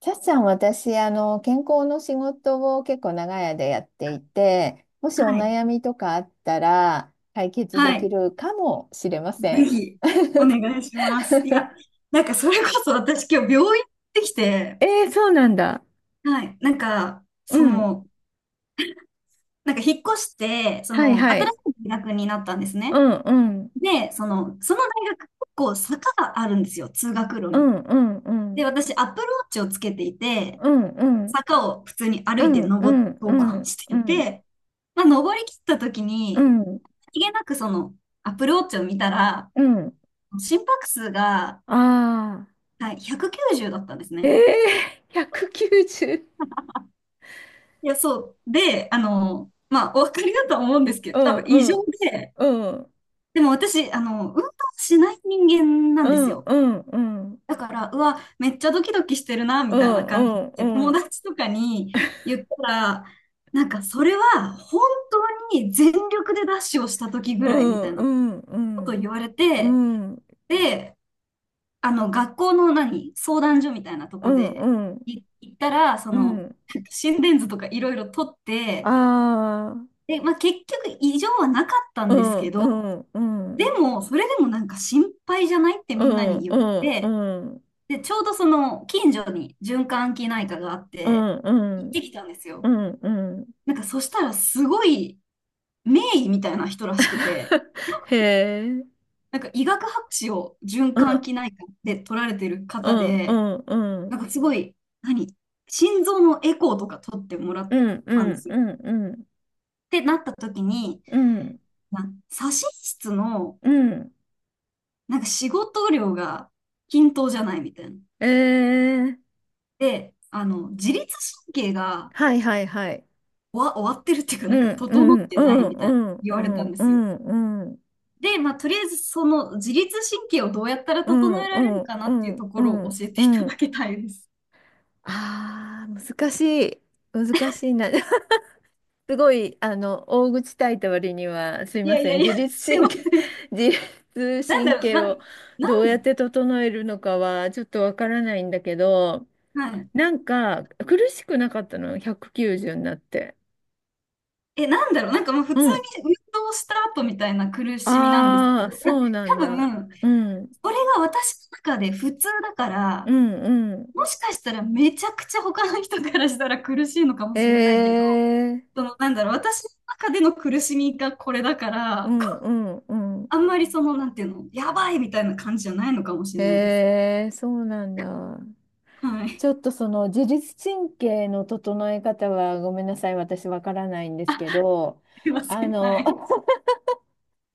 さっさん、私、健康の仕事を結構長い間やっていて、もしおはい。悩みとかあったら解決ではきい。るかもしれませぜん。ひ、お願いします。いや、なんかそれこそ私今日病院行ってきて、えー、そうなんだ。はい。なんか、うん。なんか引っ越して、はいは新しい。い大学になったんですうね。んうん。で、その大学結構坂があるんですよ、通学路うに。んうんうん。で、私、アップルウォッチをつけていて、うんうん坂を普通に歩ういてんう登ってんう登板んしうてんて、まあ、登り切った時うに、んさりげなくアップルウォッチを見たら、うん心拍数が、ああはい、190だったんですー。えね。えー、190。いや、そう。で、まあ、お分かりだとは思うんですけうど、多ん分う異常んで、うんでも私、運動しない人間なうんですんよ。うんうんだから、うわ、めっちゃドキドキしてるな、うみたいなんう感じで、友んうん達とかに言ったら、なんか、それは本当に全力でダッシュをした時ぐうらいみたんいうなんうことをん言われうて、んで、学校の何相談所みたいなとうこんでうん行ったら、うん心電図とかいろいろ取って、あで、まあ、結局異常はなかったあんですけーうど、んうんでも、それでもなんか心配じゃないってうみんなにん言うっんて、うんで、ちょうどその近所に循環器内科があっうて、んう行ってんきたんですうよ。んうんうん なんかそしたらすごい名医みたいな人らしくて、へえなんか医学博士を循う環ん器内科で取られてるう方んうで、んうなんんかすごい、何心臓のエコーとか取ってもらうっんうたんでんすよ。うんってなった時に、うん左心室の、うんなんか仕事量が均等じゃないみたいな。ええで、自律神経がはいはいはい終わってるっていうか、うなんかんう整っんてうないんみたういなん言うわれたんんでうすよ。んうんで、まあ、とりあえずその自律神経をどうやったらう整んえうられるんかなうっていうんとうころをん教えてういただんきたいです。ああ、難しい。難しいな。すごい、大口叩いた割には、すいいまやいせやん。い自や、律すい神ま経、せん。自律なんだ神ろう、経な、をなどうやっん、て整えるのかは、ちょっとわからないんだけど、はい。なんか、苦しくなかったの、190になって。え、なんだろう、なんかもう普う通ん。に運動した後みたいな苦しみなんですけああ、ど、そうなん多だ。分、うん。それが私の中で普通だかうら、ん、うん。もしかしたらめちゃくちゃ他の人からしたら苦しいのかもしれないけど、ええなんだろう、私の中での苦しみがこれだかうら、ん、うん、うん。あんまりなんていうの、やばいみたいな感じじゃないのかもしれないです。ええそうなんだ。はい。すちょっとその自律神経の整え方はごめんなさい、私わからないんですけど、いませあん。はの、い。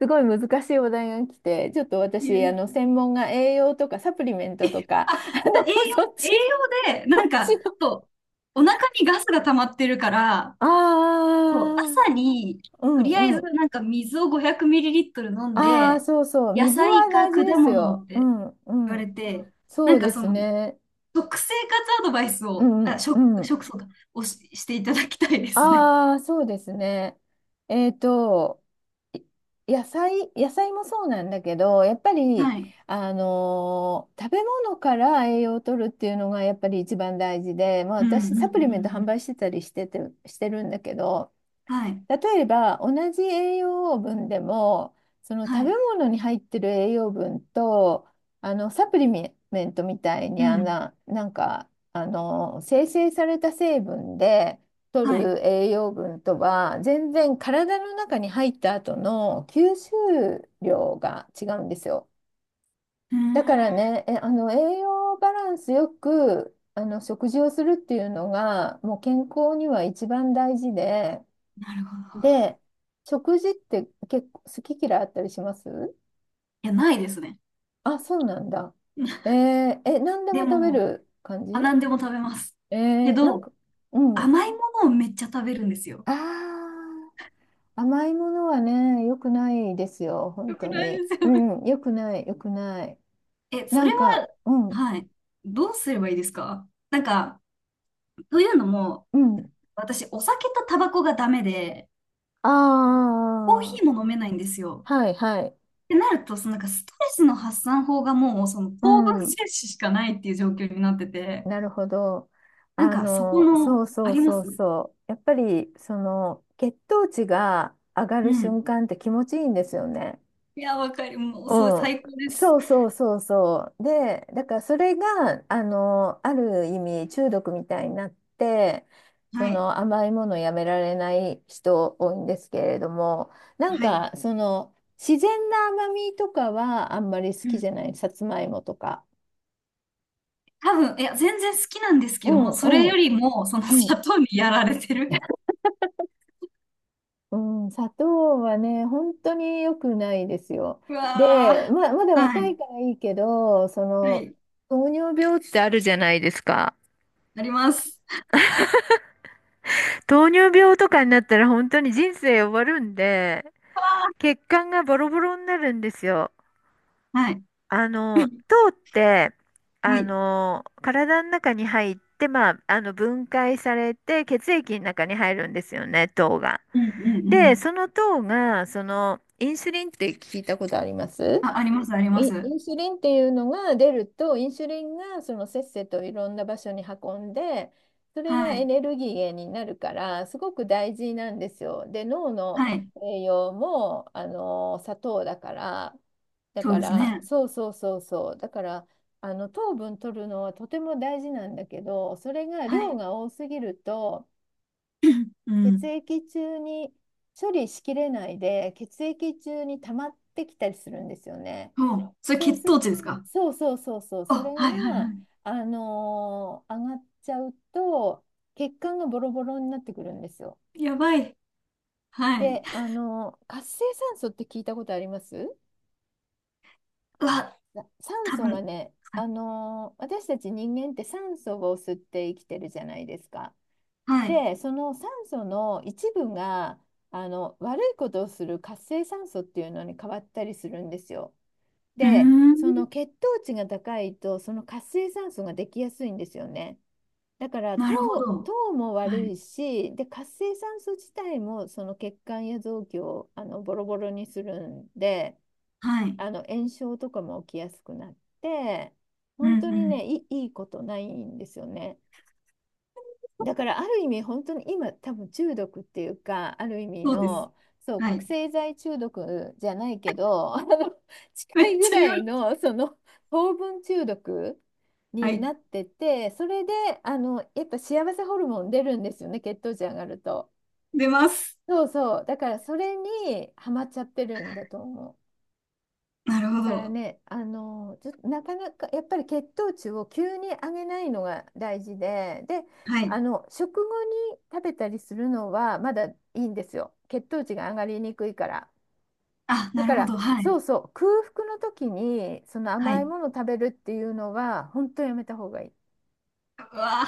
すごい難しいお題が来て、ちょっといえ私、い専門が栄養とかサプリメンえトとか、あ、じゃあ栄そっち、養、栄養で、そなんっちか、の。そう、お腹にガスが溜まってるから、あそう、朝に、あ、うとりあえんうずん。なんか水を500ミリリットル飲んああ、で、そうそう。野水菜はか大事果です物よ。っうてんう言われん。て、なそんうでかそすの、ね。食生活アドバイスうを、あ、ん食、うん。食そうか、していただきたいですね。ああ、そうですね。えっと、い野菜もそうなんだけど、やっぱり、はい。食べ物から栄養を取るっていうのがやっぱり一番大事で、まあ、うん、う私、ん、うん。うサプリメント販ん売してたりしてて、してるんだけど、はい。例えば同じ栄養分でもその食はべい。物に入ってる栄養分とサプリメントみたいにうん。なんか生成された成分で取はい。うる栄養分とは全然体の中に入った後の吸収量が違うんですよ。ーだからん。ね、えあの栄養バランスよく食事をするっていうのがもう健康には一番大事で。なるほど。で、食事って結構好き嫌いあったりします？いや、ないですね。あ、そうなんだ。えー、え、何でもで食べも、る感じ？あ、何でも食べます。えけー、なんど、か、うん。甘いものをめっちゃ食べるんですよ。ああ、甘いものはね、良くないですよ、本よく当ないに。ですうよね。ん、良くない、良くない。え、そなれ、んか、うん、はい。どうすればいいですか？なんか、というのも、うん。私、お酒とタバコがダメで、あコーヒーも飲めないんですよ。あ、はい、はい。ってなると、そのなんかストレスの発散法がもう、そのう糖分ん。摂取しかないっていう状況になってて、なるほど。なんか、そこその、うあそうりまそうす。うそう。やっぱり、その、血糖値が上がるん。瞬間って気持ちいいんですよね。いや、わかる。もう、そう、うん。最高です。そうそうそうそう。で、だからそれが、ある意味中毒みたいになって、そはい。の甘いものをやめられない人多いんですけれども、なんはい。か、その、自然な甘みとかはあんまり好うきじん。ゃない。さつまいもとか。多分、いや、全然好きなんですけうども、んそれうよん。りも、そのう砂ん。糖にやられてる。うん、砂糖はね、本当に良くないですよ。うで、わまあ、まだー。は若いい。からいいけど、そはの、い。糖尿病ってあるじゃないですか。あります。糖尿病とかになったら本当に人生終わるんで、わ血管がボロボロになるんですよ。ー、はい。糖って、はい。体の中に入って、まあ、分解されて血液の中に入るんですよね、糖が。うんうんうで、ん。その糖が、その、インスリンって聞いたことあります？あ、あります、あります。インスリンっていうのが出ると、インスリンがそのせっせといろんな場所に運んで、それがはエい。ネルギー源になるから、すごく大事なんですよ。で、脳のはい。栄養も、砂糖だから、だそうかですら、ね。そうそうそうそう、だから、糖分取るのはとても大事なんだけど、それがは量い。が多すぎると、う血ん。液中に処理しきれないで、血液中に溜まってきたりするんですよね。そう。それそう血す糖る、値ですか？そうそうそうそう、それあ、はいはいが、は上がっちゃうと、血管がボロボロになってくるんですよ。い。やばい。はい。で、活性酸素って聞いたことあります？うわ、酸多素が分。ね、はい。私たち人間って酸素を吸って生きてるじゃないですか。はい。うで、その酸素の一部が、悪いことをする活性酸素っていうのに変わったりするんですよ。ーで、ん。その血糖値が高いと、その活性酸素ができやすいんですよね。だからなるほど。糖もは悪い。いし、で、活性酸素自体もその血管や臓器をボロボロにするんで、はい。炎症とかも起きやすくなって、うん本当うにね、ん。いいことないんですよね。だからある意味本当に今多分中毒っていうかある意味そうです。のそうは覚い。醒剤中毒じゃないけどめ近いっぐちゃら言わいれる。のその糖分中毒はにい。なってて、それでやっぱ幸せホルモン出るんですよね、血糖値上がると。出ます。そうそうだからそれにハマっちゃってるんだと思う。なるだほからど。ね、あのずなかなかやっぱり血糖値を急に上げないのが大事で、で、はい。食後に食べたりするのはまだいいんですよ。血糖値が上がりにくいから。あ、だなかるほど。らはい。そうそう、空腹の時にそのは甘いい。ものを食べるっていうのは本当やめた方がいい。うわ。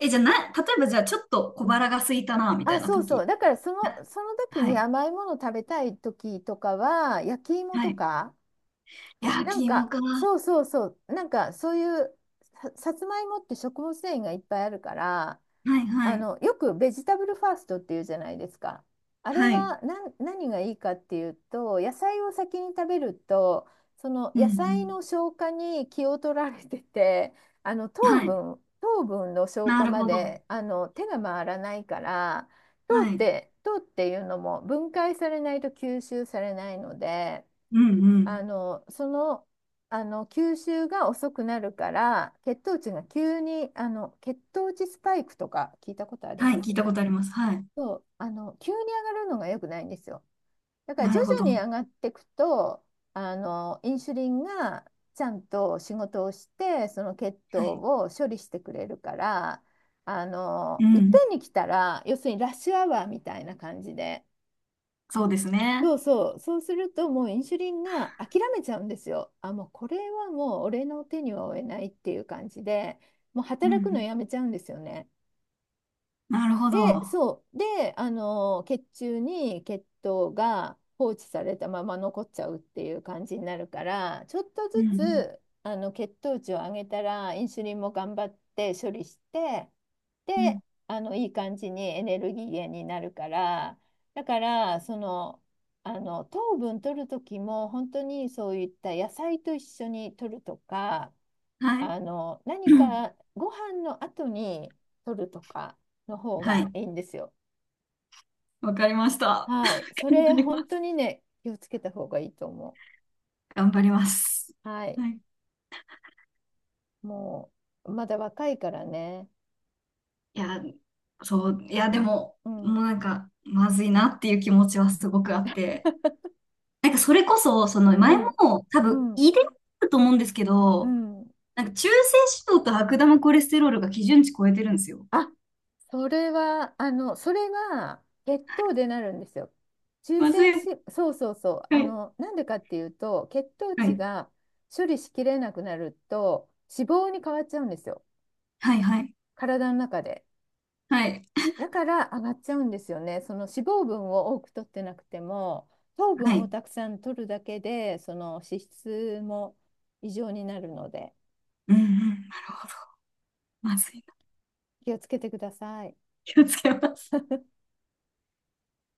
え、じゃあ例えばじゃあちょっと小腹が空いたな、みたあ、いなそうそ時。う。だからその時はにい。甘いものを食べたい時とかは焼き芋はとい。か焼なんき芋か、か。はそうそうそう、なんかそういうさつまいもって食物繊維がいっぱいあるから、い、はい。よくベジタブルファーストっていうじゃないですか。あれはい。は何がいいかっていうと、野菜を先に食べると、そのうん、野菜のう消化に気を取られてて、ん。はい。糖分の消な化るまほど。で手が回らないから、はい。糖っていうのも分解されないと吸収されないので。うん、うあん。の、その、吸収が遅くなるから、血糖値が急に、血糖値スパイクとか聞いたことありはまい。す？聞いたことあります。はい。そう、急に上がるのが良くないんですよ。だからな徐るほ々ど。はに上がっていくと、インスリンがちゃんと仕事をして、その血糖い。を処理してくれるから、ういっぺん。んに来たら、要するにラッシュアワーみたいな感じで、そうですそね。うそう、そうするともうインシュリンが諦めちゃうんですよ。あ、もうこれはもう俺の手には負えないっていう感じで、もううん、う働くのん。やめちゃうんですよね。なるほで、ど。そう。で、血中に血糖が放置されたまま残っちゃうっていう感じになるから、ちょっとうん、ずうん。つ、血糖値を上げたら、インスリンも頑張って処理して、うで、ん、いい感じにエネルギー源になるから、だから、糖分取る時も、本当にそういった野菜と一緒に取るとか、はい。何 かご飯の後に取るとかの方 はがい。いいんですよ。わかりました。はい。そ頑れ、張りま本す。当にね、気をつけた方がいいと思頑張ります。う。はい。はい。もう、まだ若いからね。いや、そう、いや、でも、うもん、うなんか、まずいなっていう気持ちはすごくあって、なんかそれこそ、そのう前ん、も多う分ん、遺伝あると思うんですけうど、ん。なんか中性脂肪と悪玉コレステロールが基準値超えてるんですよ。あ、それは、それが血糖でなるんですよ。中まずい。性脂、そうそうそう。はい。なんでかっていうと、血糖は値い。が処理しきれなくなると、脂肪に変わっちゃうんですよ。はい。はい。体の中で。はい。だから上がっちゃうんですよね。その脂肪分を多く取ってなくても、糖は分をい。たくさん取るだけで、その脂質も異常になるので、うんうん。なるほど。まずいな。気をつけてください。気をつけます。